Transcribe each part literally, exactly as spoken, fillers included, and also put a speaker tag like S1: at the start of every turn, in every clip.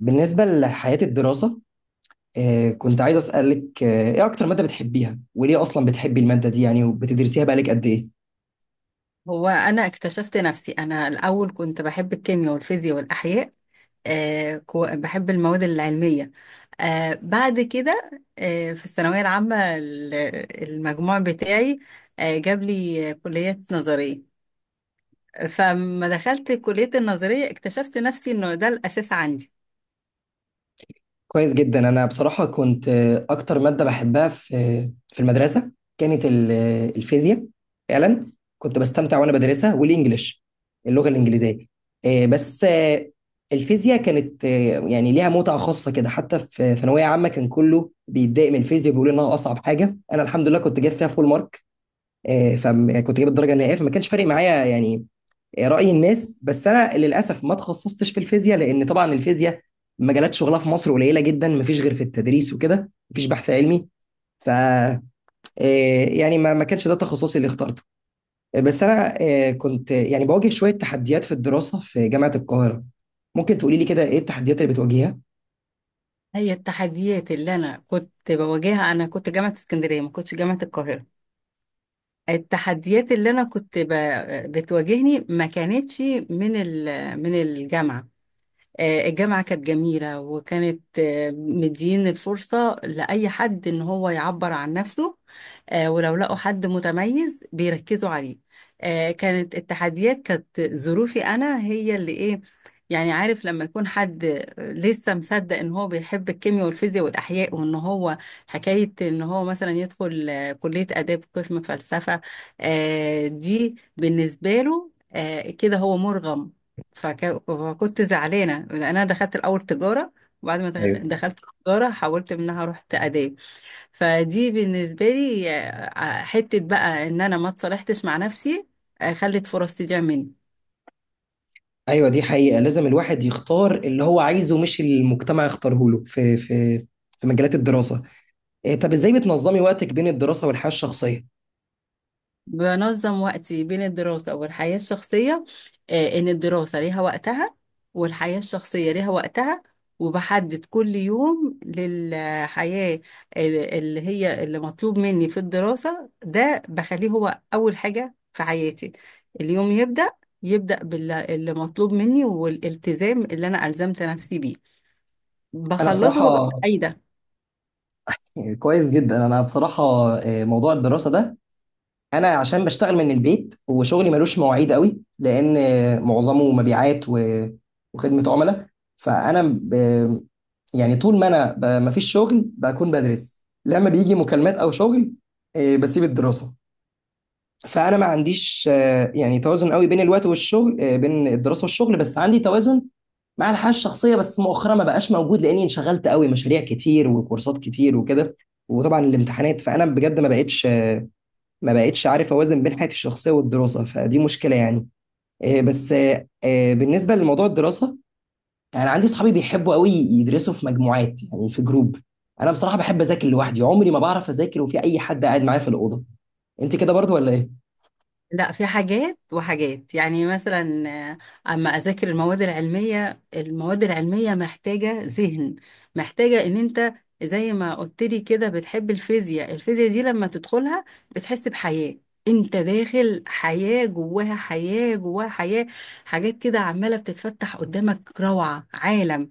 S1: بالنسبة لحياة الدراسة، آه، كنت عايز أسألك، آه، إيه أكتر مادة بتحبيها؟ وليه أصلا بتحبي المادة دي يعني وبتدرسيها بقالك قد إيه؟
S2: هو انا اكتشفت نفسي، انا الاول كنت بحب الكيمياء والفيزياء والاحياء. آه كو- بحب المواد العلميه. آه بعد كده، آه في الثانويه العامه ال- المجموع بتاعي آه جاب لي كليه نظريه. فلما دخلت كليه النظريه اكتشفت نفسي انه ده الاساس عندي.
S1: كويس جدا. أنا بصراحة كنت، آه، أكتر مادة بحبها في في المدرسة كانت ال- آه، الفيزياء. فعلا كنت بستمتع وأنا بدرسها، والإنجليش، اللغة الإنجليزية، آه، بس آه، الفيزياء كانت، آه، يعني ليها متعة خاصة كده. حتى في في ثانوية عامة كان كله بيتضايق من الفيزياء، بيقول إنها أصعب حاجة. أنا الحمد لله كنت جايب فيها فول مارك، آه، فكنت جايب الدرجه النهائيه، فما كانش فارق معايا يعني راي الناس. بس انا للاسف ما تخصصتش في الفيزياء، لان طبعا الفيزياء مجالات شغلها في مصر قليله جدا، ما فيش غير في التدريس وكده، ما فيش بحث علمي. ف آه، يعني ما ما كانش ده تخصصي اللي اخترته. آه، بس انا، آه، كنت يعني بواجه شويه تحديات في الدراسه في جامعه القاهره. ممكن تقولي لي كده ايه التحديات اللي بتواجهها؟
S2: هي التحديات اللي انا كنت بواجهها، انا كنت جامعه اسكندريه، ما كنتش جامعه القاهره. التحديات اللي انا كنت ب... بتواجهني ما كانتش من ال... من الجامعة. آه، الجامعة كانت جميلة وكانت آه، مدين الفرصة لأي حد إن هو يعبر عن نفسه. آه، ولو لقوا حد متميز بيركزوا عليه. آه، كانت التحديات، كانت ظروفي أنا هي اللي إيه. يعني عارف لما يكون حد لسه مصدق إن هو بيحب الكيمياء والفيزياء والأحياء وإن هو حكاية إن هو مثلا يدخل آه، كلية آداب قسم فلسفة. آه، دي بالنسبة له آه، كده هو مرغم. فك- فكنت زعلانه لان انا دخلت الاول تجاره، وبعد ما دخ-
S1: ايوه.
S2: دخلت تجاره حولت منها رحت اداب. فدي بالنسبه لي آه، حته بقى ان انا ما اتصالحتش مع نفسي. آه، خلت فرص تضيع مني.
S1: ايوه، دي حقيقه، لازم الواحد يختار اللي هو عايزه مش اللي المجتمع يختاره له، في في في مجالات الدراسه. إيه، طب ازاي بتنظمي وقتك بين الدراسة والحياة الشخصية؟
S2: بنظم وقتي بين الدراسة والحياة الشخصية، آه، إن الدراسة ليها وقتها والحياة الشخصية ليها وقتها، وبحدد كل يوم للحياة ال- اللي هي اللي مطلوب مني في الدراسة ده بخليه هو أول حاجة في حياتي. اليوم يبدأ يبدأ باللي مطلوب مني والالتزام اللي أنا ألزمت نفسي بيه،
S1: انا
S2: بخلصه ببقى
S1: بصراحة،
S2: سعيدة.
S1: كويس جدا. انا بصراحة، إيه، موضوع الدراسة ده، انا عشان بشتغل من البيت وشغلي ملوش مواعيد قوي، لان إيه، معظمه مبيعات و- وخدمة عملاء. فانا ب- يعني طول ما انا ب- مفيش شغل بكون بدرس. لما بيجي مكالمات او شغل، إيه، بسيب الدراسة. فانا ما عنديش، آه، يعني توازن قوي بين الوقت والشغل، آه، بين الدراسة والشغل، بس عندي توازن مع الحياة الشخصية. بس مؤخرا ما بقاش موجود، لأني انشغلت قوي، مشاريع كتير وكورسات كتير وكده، وطبعا الامتحانات. فأنا بجد ما بقتش، ما بقتش عارف أوازن بين حياتي الشخصية والدراسة، فدي مشكلة يعني. آه، بس آه، آه، بالنسبة لموضوع الدراسة، أنا عندي صحابي بيحبوا قوي يدرسوا في مجموعات، يعني في جروب. أنا بصراحة بحب أذاكر لوحدي، عمري ما بعرف أذاكر وفي أي حد قاعد معايا في الأوضة. أنت كده برضو ولا إيه؟
S2: لا، في حاجات وحاجات، يعني مثلا آه، اما اذاكر المواد العلميه، المواد العلميه محتاجه ذهن، محتاجه ان انت زي ما قلت لي كده بتحب الفيزياء، الفيزياء دي لما تدخلها بتحس بحياه. انت داخل حياه جواها حياه جواها حياه، حاجات كده عماله بتتفتح قدامك، روعه، عالم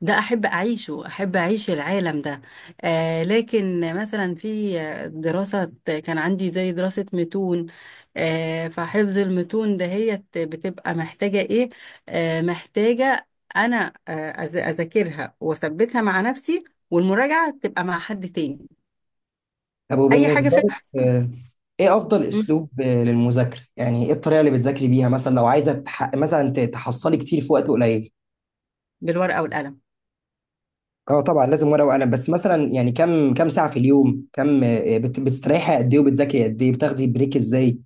S2: ده احب اعيشه، احب اعيش العالم ده. آه لكن مثلا في دراسة، كان عندي زي دراسة متون. آه فحفظ المتون دهيت بتبقى محتاجة ايه؟ آه محتاجة انا آه أذ- اذاكرها واثبتها مع نفسي، والمراجعة تبقى مع حد تاني
S1: طب
S2: اي حاجة
S1: وبالنسبة
S2: فيها.
S1: لك، آه، ايه افضل اسلوب آه، للمذاكرة؟ يعني ايه الطريقة اللي بتذاكري بيها، مثلا لو عايزة تح... مثلا ت- تحصلي كتير في وقت قليل؟
S2: بالورقة والقلم.
S1: اه طبعا لازم ورقة وقلم، بس مثلا يعني كم كم ساعة في اليوم؟ كم، آه، بت... بتستريحي قد ايه وبتذاكري قد ايه؟ بتاخدي بريك ازاي؟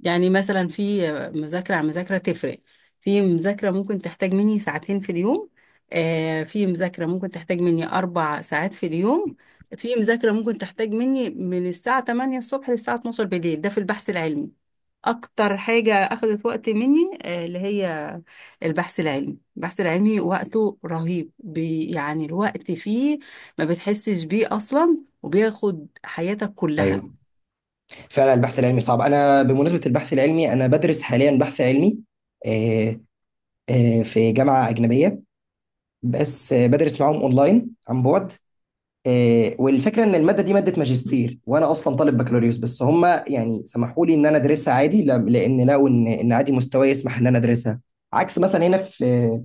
S2: يعني مثلا في مذاكرة عن مذاكرة تفرق. في مذاكرة ممكن تحتاج مني ساعتين في اليوم، آه في مذاكرة ممكن تحتاج مني أربع ساعات في اليوم، في مذاكرة ممكن تحتاج مني من الساعة تمانية الصبح للساعة اتناشر بالليل، ده في البحث العلمي. أكتر حاجة أخذت وقت مني آه اللي هي البحث العلمي، البحث العلمي وقته رهيب بي، يعني الوقت فيه ما بتحسش بيه أصلا وبياخد حياتك كلها.
S1: ايوه. فعلا البحث العلمي صعب. انا بمناسبة البحث العلمي انا بدرس حاليا بحث علمي، آه، آه، في جامعة أجنبية، بس آه، بدرس معاهم اونلاين عن بعد. آه، والفكره ان الماده دي ماده ماجستير، وانا اصلا طالب بكالوريوس، بس هم يعني سمحوا لي ان انا ادرسها عادي، ل- لان لقوا ان ان عادي مستواي يسمح ان انا ادرسها. عكس مثلا هنا في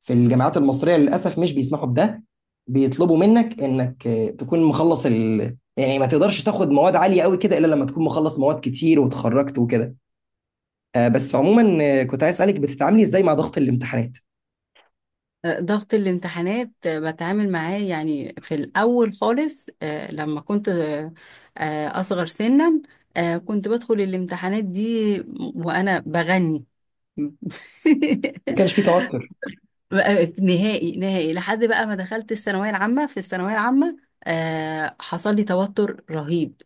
S1: في الجامعات المصريه، للاسف مش بيسمحوا بده، بيطلبوا منك انك آه، تكون مخلص ال... يعني ما تقدرش تاخد مواد عاليه قوي كده الا لما تكون مخلص مواد كتير وتخرجت وكده. آه، بس عموما، آه، كنت عايز اسالك، بتتعاملي ازاي مع ضغط الامتحانات؟
S2: ضغط الامتحانات بتعامل معاه، يعني في الأول خالص آه، لما كنت آه، آه، أصغر سنا، آه، كنت بدخل الامتحانات دي وأنا بغني.
S1: ما كانش في توتر؟
S2: بقى نهائي نهائي لحد بقى ما دخلت الثانوية العامة. في الثانوية العامة آه، حصل لي توتر رهيب.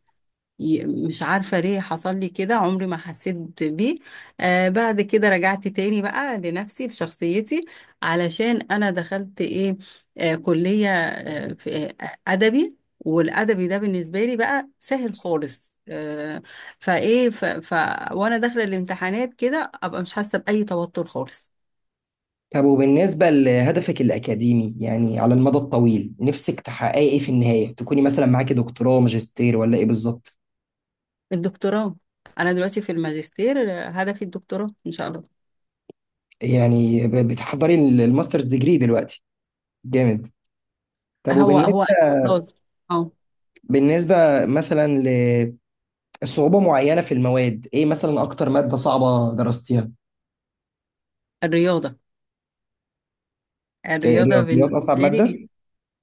S2: ي- مش عارفة ليه حصل لي كده، عمري ما حسيت بيه. آه بعد كده رجعت تاني بقى لنفسي لشخصيتي، علشان أنا دخلت إيه؟ آه كلية آه في آه أدبي، والأدبي ده بالنسبة لي بقى سهل خالص، آه فإيه ف ف وأنا داخلة الامتحانات كده أبقى مش حاسة بأي توتر خالص.
S1: طب وبالنسبة لهدفك الأكاديمي، يعني على المدى الطويل نفسك تحققي إيه في النهاية؟ تكوني مثلا معاكي دكتوراه، ماجستير، ولا إيه بالظبط؟
S2: الدكتوراه. أنا دلوقتي في الماجستير، آه، هدفي الدكتوراه إن شاء الله.
S1: يعني ب- بتحضري ال- الماسترز ديجري دلوقتي؟ جامد. طب
S2: هو هو
S1: وبالنسبة،
S2: خلاص. أه
S1: بالنسبة مثلا لصعوبة معينة في المواد، إيه مثلا أكتر مادة صعبة درستيها؟
S2: الرياضة. الرياضة
S1: الرياضيات
S2: بالنسبة
S1: أصعب
S2: لي،
S1: مادة؟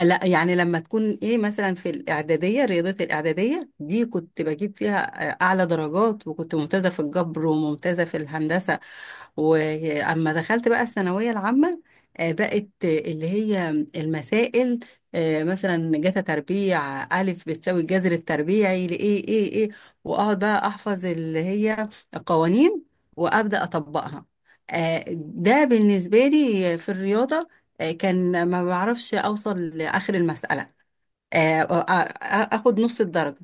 S2: لا يعني لما تكون ايه، مثلا في الاعداديه، رياضه الاعداديه دي كنت بجيب فيها آه، اعلى درجات، وكنت ممتازه في الجبر وممتازه في الهندسه. واما دخلت بقى الثانويه العامه، آه، بقت آه، اللي هي المسائل. آه، مثلا جتا تربيع الف بتساوي الجذر التربيعي لايه ايه ايه، واقعد بقى احفظ اللي هي القوانين وابدا اطبقها. آه، ده بالنسبه لي في الرياضه، آه، كان ما بعرفش اوصل لاخر المساله، آه، آ- آ- اخد نص الدرجه.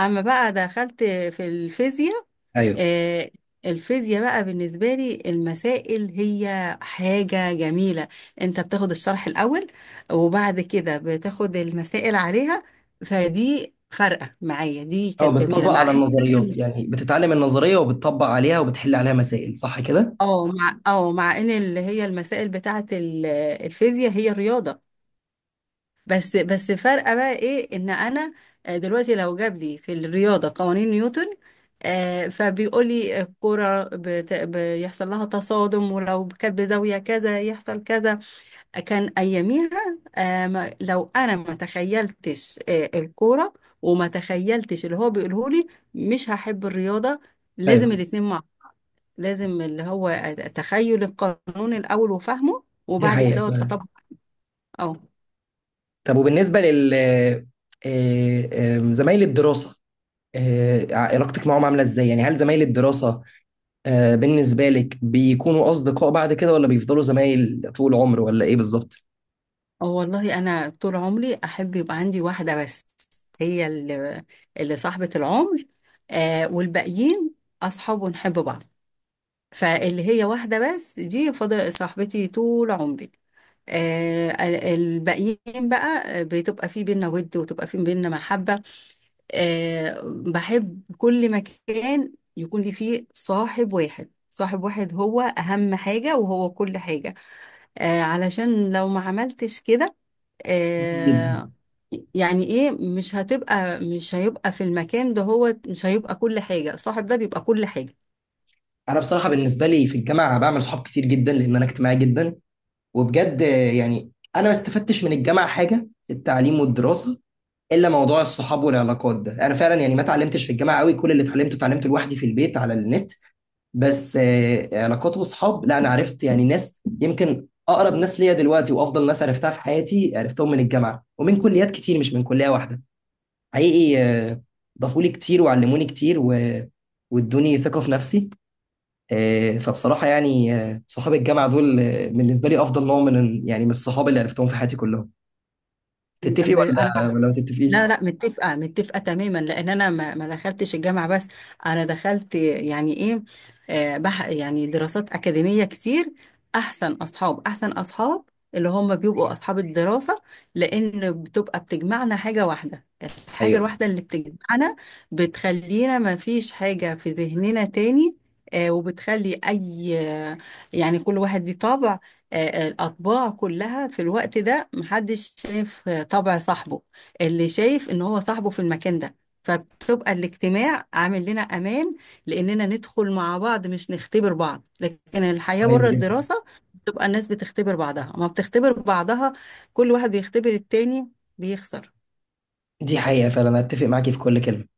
S2: اما بقى دخلت في الفيزياء،
S1: أيوه.
S2: آه، الفيزياء بقى بالنسبة لي المسائل هي حاجة جميلة. انت بتاخد الشرح الأول وبعد كده بتاخد المسائل عليها، فدي فارقة معايا، دي
S1: أو
S2: كانت جميلة
S1: بتطبق
S2: مع
S1: على
S2: إن
S1: النظريات؟
S2: الفيزياء،
S1: يعني بتتعلم النظرية وبتطبق عليها وبتحل عليها مسائل، صح كده؟
S2: اه مع اه مع ان اللي هي المسائل بتاعة ال- الفيزياء هي رياضة، بس بس فارقه بقى ايه ان انا آه، دلوقتي لو جاب لي في الرياضه قوانين نيوتن، آه، فبيقول لي الكرة بت... بيحصل لها تصادم، ولو كانت بزاوية كذا يحصل كذا. كان أياميها، آه، ما- لو أنا ما تخيلتش آه، الكورة، وما تخيلتش اللي هو بيقوله لي، مش هحب الرياضة. لازم
S1: ايوه،
S2: الاتنين مع بعض. لازم اللي هو تخيل القانون الأول وفهمه
S1: دي
S2: وبعد كده
S1: حقيقة.
S2: أطبقه.
S1: طب وبالنسبة لل، آه، آم، زمايل الدراسة، آه، علاقتك معاهم عاملة ازاي؟ يعني هل زمايل الدراسة، آه، بالنسبة لك بيكونوا أصدقاء بعد كده، ولا بيفضلوا زمايل طول العمر، ولا إيه بالظبط؟
S2: اه، والله انا طول عمري احب يبقى عندي واحده بس، هي اللي اللي صاحبه العمر. آه والباقيين اصحاب ونحب بعض. فاللي هي واحده بس، دي فضل صاحبتي طول عمري. آه ال- الباقيين بقى بتبقى في بينا ود، وتبقى في بينا محبه. آه بحب كل مكان يكون لي فيه صاحب واحد، صاحب واحد هو اهم حاجه وهو كل حاجه. آه علشان لو ما عملتش كده،
S1: جدا.
S2: آه يعني ايه، مش هتبقى مش هيبقى في المكان ده، هو مش هيبقى كل حاجة. صاحب ده بيبقى كل حاجة.
S1: أنا بصراحة بالنسبة لي في الجامعة بعمل صحاب كتير جدا، لأن أنا اجتماعي جدا. وبجد آه، يعني أنا ما استفدتش من الجامعة حاجة في التعليم والدراسة، إلا موضوع الصحاب والعلاقات ده. أنا فعلا يعني ما اتعلمتش في الجامعة قوي، كل اللي اتعلمته اتعلمته لوحدي في البيت على النت. بس آه، علاقات واصحاب لا، انا عرفت يعني ناس يمكن اقرب ناس ليا دلوقتي وافضل ناس عرفتها في حياتي، عرفتهم من الجامعه ومن كليات كتير مش من كليه واحده. حقيقي آه، ضافوا لي كتير وعلموني كتير و... وادوني ثقه في نفسي. آه، فبصراحه يعني، آه، صحاب الجامعه دول، آه، بالنسبه لي افضل نوع من يعني من الصحاب اللي عرفتهم في حياتي كلهم. تتفقي
S2: ب- انا،
S1: ولا ولا ما
S2: لا
S1: تتفقيش؟
S2: لا، متفقة متفقة تماما، لأن أنا ما ما دخلتش الجامعة بس، أنا دخلت يعني إيه، آه، بح يعني دراسات أكاديمية كتير. أحسن أصحاب، أحسن أصحاب اللي هم بيبقوا أصحاب الدراسة، لأن بتبقى بتجمعنا حاجة واحدة. الحاجة
S1: ايوه.
S2: الواحدة اللي بتجمعنا بتخلينا ما فيش حاجة في ذهننا تاني، آه، وبتخلي أي آه، يعني كل واحد ليه طبع. آه، الأطباع كلها في الوقت ده محدش شايف آه، طبع صاحبه، اللي شايف ان هو صاحبه في المكان ده. فبتبقى الاجتماع عامل لنا امان، لاننا ندخل مع بعض مش نختبر بعض، لكن الحياة
S1: كويس
S2: بره
S1: جدا.
S2: الدراسة بتبقى الناس بتختبر بعضها، ما بتختبر بعضها، كل واحد بيختبر التاني، بيخسر
S1: دي حقيقه فعلا، أنا اتفق معاكي في كل كلمه.